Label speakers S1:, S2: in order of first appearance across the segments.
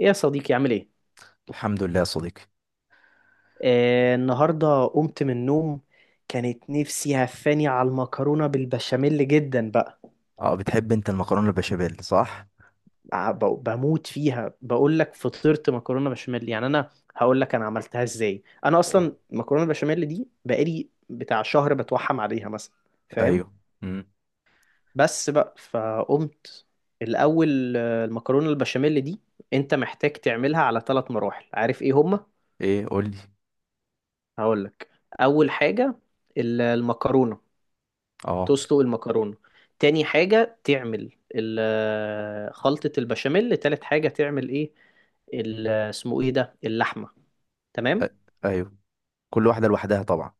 S1: ايه يا صديقي، عامل ايه؟
S2: الحمد لله يا صديقي.
S1: النهارده قمت من النوم. كانت نفسي هفاني على المكرونه بالبشاميل جدا بقى.
S2: اه بتحب انت المكرونه البشاميل صح؟
S1: بموت فيها. بقول لك فطرت مكرونه بشاميل يعني انا. هقول لك انا عملتها ازاي. انا
S2: هو.
S1: اصلا المكرونه بشاميل دي بقالي بتاع شهر بتوحم عليها مثلا، فاهم؟
S2: ايوه. امم
S1: بس بقى فقمت. الاول، المكرونه البشاميل دي انت محتاج تعملها على ثلاث مراحل. عارف ايه هما؟
S2: ايه قول لي.
S1: هقول لك. اول حاجه، المكرونه،
S2: اه.
S1: تسلق المكرونة. تاني حاجة تعمل خلطة البشاميل. تالت حاجة تعمل ايه؟ اسمه ايه ده، اللحمة.
S2: أ-
S1: تمام؟
S2: ايوه كل واحده لوحدها طبعا،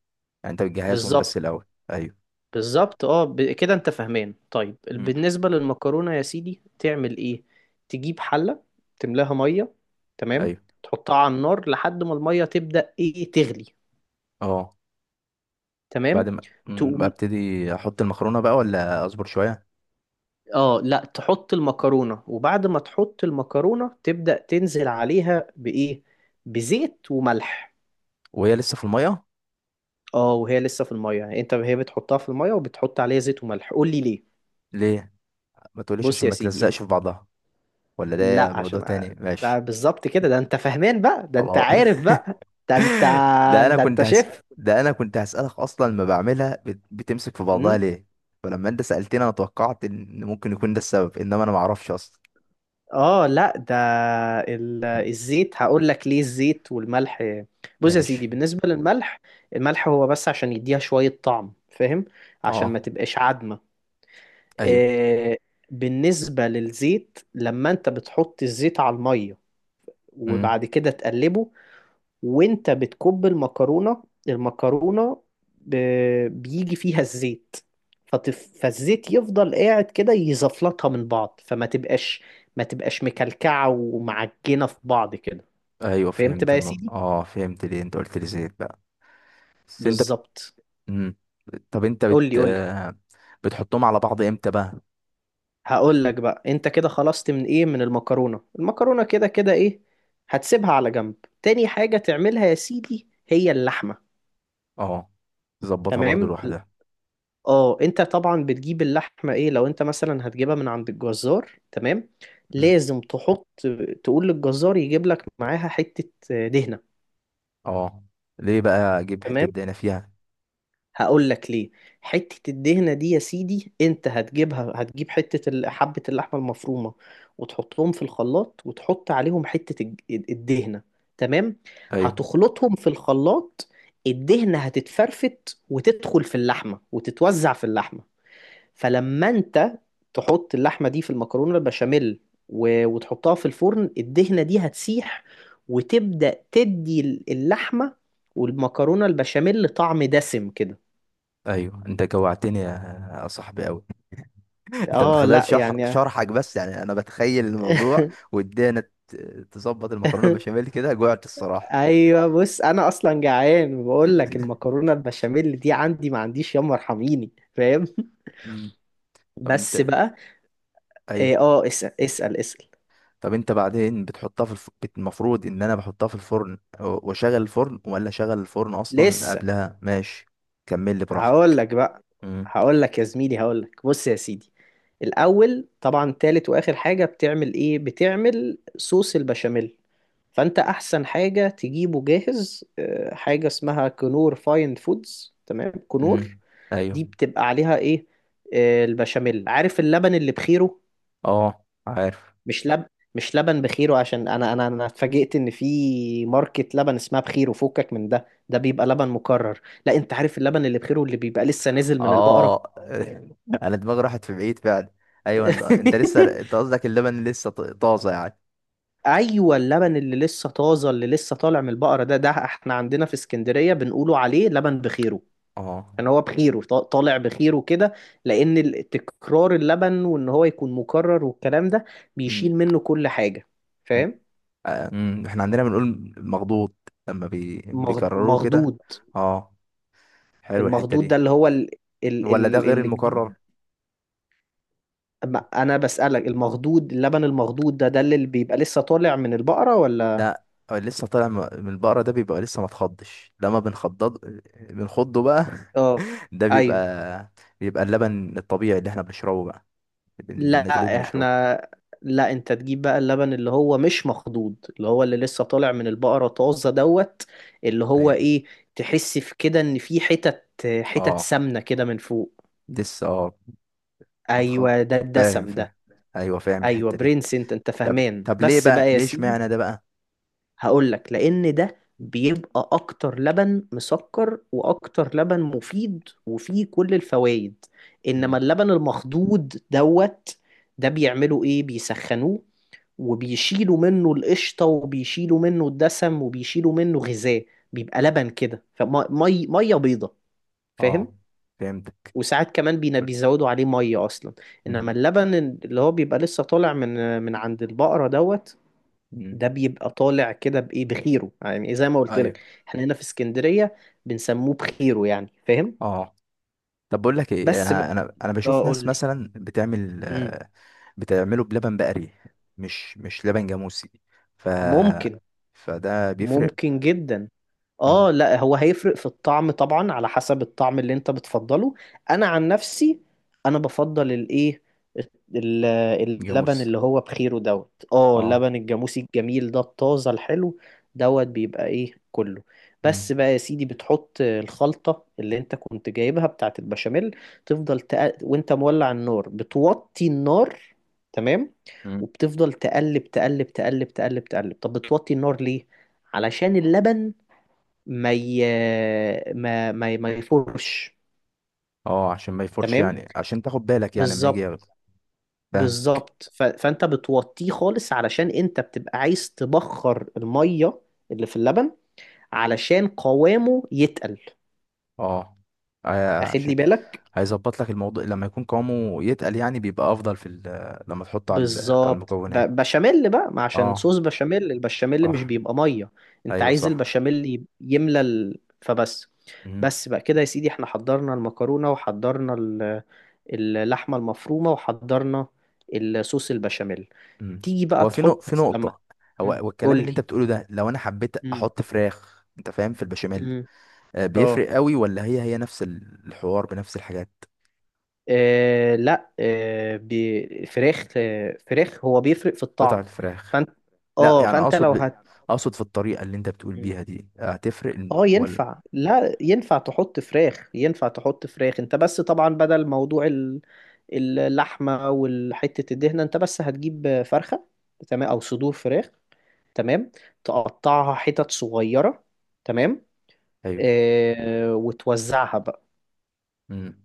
S2: يعني انت بتجهزهم بس
S1: بالظبط.
S2: الاول. ايوه.
S1: بالظبط، كده انت فاهمان. طيب
S2: امم
S1: بالنسبة للمكرونة يا سيدي تعمل ايه؟ تجيب حلة، تملاها مية، تمام؟
S2: ايوه.
S1: تحطها على النار لحد ما المية تبدأ ايه، تغلي.
S2: اه.
S1: تمام.
S2: بعد ما
S1: تقوم
S2: ببتدي احط المكرونه بقى ولا اصبر شويه؟
S1: اه لا، تحط المكرونة. وبعد ما تحط المكرونة تبدأ تنزل عليها بإيه؟ بزيت وملح.
S2: وهي لسه في الميه؟
S1: اه، وهي لسه في المية. يعني انت هي بتحطها في المية وبتحط عليها زيت وملح، قول لي ليه.
S2: ليه؟ ما تقوليش
S1: بص
S2: عشان
S1: يا
S2: ما
S1: سيدي،
S2: تلزقش في بعضها؟ ولا ده
S1: لا،
S2: موضوع
S1: عشان
S2: تاني؟ ماشي.
S1: ده بالظبط كده. ده انت فاهمان بقى. ده انت
S2: خلاص
S1: عارف بقى. ده انت
S2: ده انا
S1: ده
S2: كنت
S1: انت
S2: هس...
S1: شيف.
S2: ده انا كنت هسألك اصلا، ما بعملها بتمسك في بعضها ليه؟ فلما انت سألتني انا توقعت ان ممكن يكون ده السبب، انما انا ما اعرفش اصلا.
S1: اه لا، ده الزيت، هقول لك ليه الزيت والملح. بص يا
S2: ماشي.
S1: سيدي، بالنسبة للملح، الملح هو بس عشان يديها شوية طعم، فاهم؟ عشان ما
S2: اه.
S1: تبقاش عدمة.
S2: ايوه.
S1: آه، بالنسبة للزيت، لما انت بتحط الزيت على المية
S2: امم
S1: وبعد كده تقلبه، وانت بتكب المكرونة المكرونة بيجي فيها الزيت. فالزيت يفضل قاعد كده يزفلطها من بعض، فما تبقاش، ما تبقاش مكلكعة ومعجنة في بعض كده.
S2: ايوه
S1: فهمت
S2: فهمت
S1: بقى يا
S2: النقطة،
S1: سيدي؟
S2: اه فهمت ليه انت قلت لي زيت بقى. بس انت بت...
S1: بالظبط.
S2: مم. طب انت
S1: قول لي
S2: بت
S1: قول لي.
S2: بتحطهم على بعض امتى بقى؟
S1: هقول لك بقى. انت كده خلصت من ايه؟ من المكرونة المكرونة، كده كده. ايه؟ هتسيبها على جنب. تاني حاجة تعملها يا سيدي هي اللحمة.
S2: اه تظبطها برضو
S1: تمام.
S2: لوحدها؟
S1: اه، انت طبعا بتجيب اللحمه، ايه، لو انت مثلا هتجيبها من عند الجزار. تمام،
S2: مم.
S1: لازم تحط، تقول للجزار يجيب لك معاها حته دهنه.
S2: اه ليه بقى اجيب حتة
S1: تمام؟
S2: دهنة فيها؟
S1: هقول لك ليه. حته الدهنه دي يا سيدي انت هتجيبها، هتجيب حته حبه اللحمه المفرومه، وتحطهم في الخلاط، وتحط عليهم حته الدهنه. تمام.
S2: ايوه.
S1: هتخلطهم في الخلاط. الدهنه هتتفرفت وتدخل في اللحمه وتتوزع في اللحمه. فلما انت تحط اللحمه دي في المكرونه البشاميل وتحطها في الفرن، الدهنه دي هتسيح، وتبدا تدي اللحمه والمكرونه البشاميل طعم دسم كده.
S2: ايوه انت جوعتني يا يا صاحبي قوي. انت من
S1: اه
S2: خلال
S1: لا يعني.
S2: شرحك بس يعني انا بتخيل الموضوع ودانا ت- تظبط المكرونه بشاميل كده، جوعت الصراحه.
S1: ايوه، بص انا اصلا جعان، وبقول لك المكرونه البشاميل دي عندي ما عنديش، يما ارحميني. فاهم؟
S2: مم. طب
S1: بس
S2: انت.
S1: بقى.
S2: ايوه.
S1: اسال اسال اسال.
S2: طب انت بعدين بتحطها في المفروض ان انا بحطها في الفرن واشغل الفرن، ولا اشغل الفرن اصلا
S1: لسه.
S2: قبلها؟ ماشي كمل لي
S1: هقول
S2: براحتك.
S1: لك بقى.
S2: امم
S1: هقول لك يا زميلي، هقول لك، بص يا سيدي، الاول طبعا تالت واخر حاجه بتعمل ايه، بتعمل صوص البشاميل. فانت احسن حاجه تجيبه جاهز، حاجه اسمها كنور فاين فودز، تمام؟ كنور
S2: امم ايوه.
S1: دي بتبقى عليها ايه؟ البشاميل. عارف اللبن اللي بخيره؟
S2: اه عارف.
S1: مش لب مش لبن بخيره، عشان انا، اتفاجئت ان في ماركة لبن اسمها بخيره، فكك من ده. ده بيبقى لبن مكرر. لا، انت عارف اللبن اللي بخيره، اللي بيبقى لسه نازل من البقرة.
S2: اه انا دماغي راحت في بعيد فعلا. ايوه انت لسه، انت قصدك اللبن لسه طازه يعني؟
S1: ايوه، اللبن اللي لسه طازه، اللي لسه طالع من البقره. ده، احنا عندنا في اسكندريه بنقولوا عليه لبن بخيره.
S2: اه.
S1: كان هو بخيره، طالع بخيره كده. لان تكرار اللبن، وان هو يكون مكرر والكلام ده،
S2: مم.
S1: بيشيل منه كل حاجه، فاهم؟
S2: احنا عندنا بنقول مخضوض لما بيكرروه كده.
S1: مخدود.
S2: اه. حلو الحتة
S1: المخدود ده
S2: دي.
S1: اللي هو ال ال
S2: ولا ده
S1: ال
S2: غير المكرر؟
S1: الجديد. أما انا بسألك، المخدود، اللبن المخدود ده، اللي بيبقى لسه طالع من البقره، ولا؟
S2: لا هو لسه طالع من البقرة، ده بيبقى لسه ما تخضش لما بنخضض بنخضه بقى
S1: اه.
S2: ده
S1: ايوه.
S2: بيبقى، بيبقى اللبن الطبيعي اللي احنا بنشربه بقى، بنغليه
S1: لا،
S2: وبنشربه.
S1: احنا، لا، انت تجيب بقى اللبن اللي هو مش مخضوض، اللي هو اللي لسه طالع من البقرة طازة دوت. اللي هو
S2: ايوه.
S1: ايه، تحس في كده ان في حتت، حتت
S2: اه.
S1: سمنة كده من فوق.
S2: لسه اه. ما تخض.
S1: ايوه، ده
S2: فاهم
S1: الدسم ده.
S2: فاهم. ايوه فاهم
S1: ايوه
S2: الحتة دي.
S1: برنس، انت
S2: طب
S1: فاهمان.
S2: طب ليه
S1: بس
S2: بقى؟
S1: بقى يا
S2: ليه
S1: سيدي،
S2: اشمعنى ده بقى؟
S1: هقولك، لان ده بيبقى اكتر لبن مسكر، واكتر لبن مفيد، وفيه كل الفوائد. انما
S2: مم.
S1: اللبن المخضوض دوت، ده بيعملوا ايه، بيسخنوه، وبيشيلوا منه القشطة، وبيشيلوا منه الدسم، وبيشيلوا منه غذاء. بيبقى لبن كده، فمية مية بيضة، فاهم؟
S2: اه فهمتك.
S1: وساعات كمان بيزودوا عليه مية أصلا.
S2: مم.
S1: إنما اللبن اللي هو بيبقى لسه طالع من عند البقرة دوت،
S2: مم.
S1: ده بيبقى طالع كده بإيه، بخيره، يعني زي ما قلت
S2: ايوه.
S1: لك. احنا هنا في اسكندرية بنسموه بخيره، يعني، فاهم؟
S2: اه. طب بقول لك ايه،
S1: بس بقى.
S2: انا انا انا
S1: اه،
S2: بشوف ناس
S1: قول لي.
S2: مثلا بتعمل
S1: مم.
S2: بتعمله بلبن بقري، مش مش لبن جاموسي، ف
S1: ممكن.
S2: فده بيفرق.
S1: ممكن جدا.
S2: مم.
S1: اه لا، هو هيفرق في الطعم طبعا، على حسب الطعم اللي انت بتفضله. انا عن نفسي، انا بفضل الايه، ال- اللبن
S2: جاموسي
S1: اللي هو بخيره دوت. اه،
S2: اه.
S1: لبن الجاموسي الجميل ده، الطازة الحلو دوت، بيبقى ايه كله. بس
S2: مم.
S1: بقى يا سيدي، بتحط الخلطة اللي انت كنت جايبها بتاعت البشاميل. تفضل وانت مولع النار بتوطي النار. تمام.
S2: مم.
S1: وبتفضل تقلب تقلب تقلب تقلب تقلب. طب بتوطي النار ليه؟ علشان اللبن ما ي... ما يفرش.
S2: اه عشان ما يفرش
S1: تمام.
S2: يعني، عشان تاخد بالك يعني لما يجي
S1: بالظبط.
S2: ياخد. فاهم.
S1: بالظبط، فانت بتوطيه خالص، علشان انت بتبقى عايز تبخر الميه اللي في اللبن، علشان قوامه يتقل.
S2: اه
S1: اخد
S2: عشان
S1: لي بالك؟
S2: هيظبط لك الموضوع لما يكون قوامه يتقل، يعني بيبقى افضل في لما تحطه على على
S1: بالظبط.
S2: المكونات.
S1: بشاميل بقى، ما عشان
S2: اه
S1: صوص بشاميل، البشاميل مش
S2: صح.
S1: بيبقى ميه. انت
S2: ايوه
S1: عايز
S2: صح.
S1: البشاميل يملى فبس.
S2: مم.
S1: بس بقى كده يا سيدي، احنا حضرنا المكرونه، وحضرنا اللحمه المفرومه، وحضرنا الصوص البشاميل.
S2: مم.
S1: تيجي بقى
S2: هو في في
S1: تحط لما.
S2: نقطة، هو هو
S1: قول
S2: الكلام اللي
S1: لي.
S2: انت بتقوله ده، لو انا حبيت
S1: امم
S2: احط فراخ انت فاهم في البشاميل،
S1: امم اه
S2: بيفرق قوي ولا هي هي نفس الحوار بنفس الحاجات؟
S1: آه، لا آه، ب- فراخ، فراخ، هو بيفرق في
S2: قطع
S1: الطعم.
S2: الفراخ.
S1: فانت
S2: لا
S1: اه
S2: يعني
S1: فانت لو
S2: اقصد في الطريقة اللي انت بتقول بيها دي هتفرق
S1: اه.
S2: ولا؟
S1: ينفع. لا، ينفع تحط فراخ. ينفع تحط فراخ. انت بس طبعا بدل موضوع اللحمة والحتة الدهنة، انت بس هتجيب فرخة، تمام؟ او صدور فراخ. تمام. تقطعها حتت صغيرة. تمام.
S2: ايوه.
S1: وتوزعها بقى،
S2: امم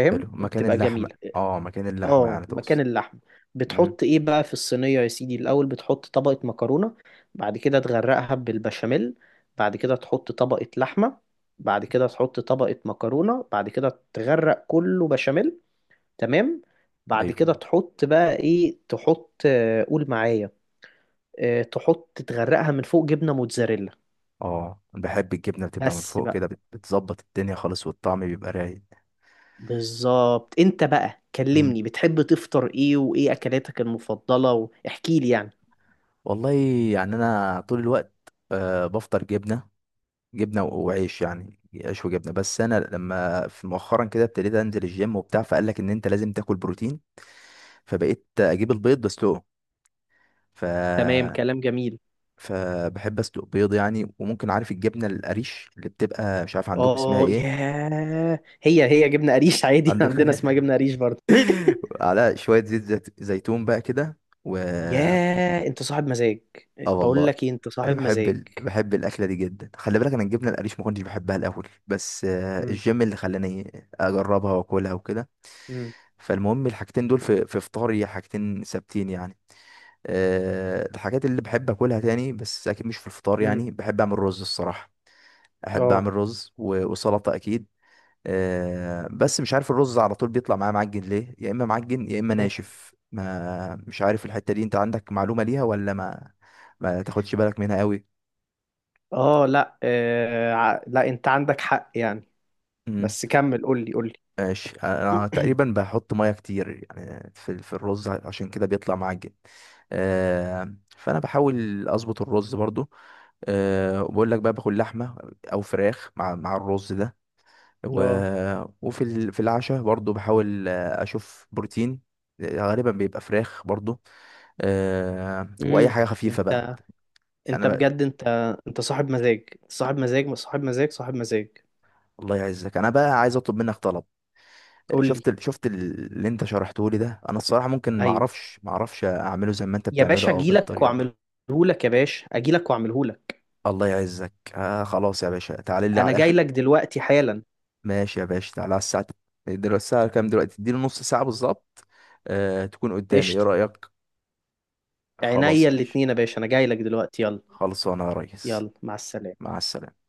S2: حلو مكان
S1: وبتبقى
S2: اللحمة.
S1: جميلة.
S2: اه مكان اللحمة
S1: اه،
S2: يعني
S1: مكان
S2: تقصد.
S1: اللحم.
S2: امم
S1: بتحط ايه بقى في الصينية يا سيدي؟ الأول بتحط طبقة مكرونة، بعد كده تغرقها بالبشاميل، بعد كده تحط طبقة لحمة، بعد كده تحط طبقة مكرونة، بعد كده تغرق كله بشاميل. تمام. بعد
S2: ايوه.
S1: كده تحط بقى ايه، تحط، قول معايا. آه، تحط تغرقها من فوق جبنة موتزاريلا.
S2: اه أنا بحب الجبنة بتبقى من
S1: بس
S2: فوق
S1: بقى.
S2: كده، بتظبط الدنيا خالص والطعم بيبقى رايق.
S1: بالظبط. انت بقى
S2: مم.
S1: كلمني، بتحب تفطر ايه، وايه اكلاتك المفضلة؟ واحكي لي يعني.
S2: والله يعني انا طول الوقت بفطر جبنة، جبنه وعيش يعني، عيش وجبنه. بس انا لما في مؤخرا كده ابتديت انزل الجيم وبتاع، فقال لك ان انت لازم تاكل بروتين، فبقيت اجيب البيض بسلقه. ف
S1: تمام، كلام جميل.
S2: فبحب اسلق بيض يعني. وممكن، عارف الجبنه القريش اللي بتبقى، مش عارف عندكم اسمها
S1: اه
S2: ايه؟
S1: ياه، هي هي جبنه قريش عادي.
S2: عندكم
S1: عندنا اسمها جبنه قريش برضه.
S2: على شويه زيتون بقى كده. و
S1: ياه، انت صاحب مزاج.
S2: اه
S1: بقول
S2: والله.
S1: لك ايه، انت
S2: انا
S1: صاحب
S2: بحب
S1: مزاج.
S2: بحب الاكله دي جدا. خلي بالك انا الجبنه القريش ما كنتش بحبها الاول، بس
S1: مم.
S2: الجيم اللي خلاني اجربها واكلها وكده.
S1: مم.
S2: فالمهم الحاجتين دول في في فطاري حاجتين ثابتين يعني. الحاجات اللي بحب اكلها تاني بس اكيد مش في الفطار،
S1: مم.
S2: يعني بحب اعمل رز الصراحه، احب
S1: اه.
S2: اعمل رز وسلطه اكيد. بس مش عارف الرز على طول بيطلع معايا معجن ليه، يا اما معجن يا اما
S1: مم.
S2: ناشف، ما مش عارف الحته دي، انت عندك معلومه ليها ولا ما ما تاخدش بالك منها قوي؟
S1: اه لا، لا، انت عندك حق، يعني. بس كمل، قول لي قول لي.
S2: ماشي انا تقريبا بحط ميه كتير يعني في في الرز، عشان كده بيطلع معجن. فانا بحاول اظبط الرز برضو. وبقول لك بقى باكل لحمه او فراخ مع مع الرز ده. و...
S1: اه.
S2: وفي في العشاء برضو بحاول اشوف بروتين، غالبا بيبقى فراخ برضو. واي
S1: امم
S2: حاجه خفيفه بقى.
S1: انت
S2: يعني
S1: انت
S2: أنا بقى،
S1: بجد، انت انت صاحب مزاج صاحب مزاج صاحب مزاج صاحب مزاج.
S2: الله يعزك، انا بقى عايز اطلب منك طلب.
S1: قول لي.
S2: شفت اللي انت شرحته لي ده، انا الصراحه ممكن ما
S1: ايوه
S2: اعرفش، ما اعرفش اعمله زي ما انت
S1: يا
S2: بتعمله
S1: باشا،
S2: او
S1: اجي لك
S2: بالطريقه.
S1: واعمله لك. يا باشا، اجي لك واعمله لك.
S2: الله يعزك آه خلاص يا باشا تعالى لي على
S1: انا جاي
S2: الاخر.
S1: لك دلوقتي حالا.
S2: ماشي يا باشا تعالى على الساعه، دلوقتي الساعه كام؟ دلوقتي اديني نص ساعه بالظبط، آه تكون قدامي، ايه
S1: قشطه.
S2: رايك؟ خلاص
S1: عينيا
S2: ماشي.
S1: الاتنين يا باشا، انا جاي لك دلوقتي. يلا.
S2: خلصانه يا ريس.
S1: يلا، مع السلامة.
S2: مع السلامه.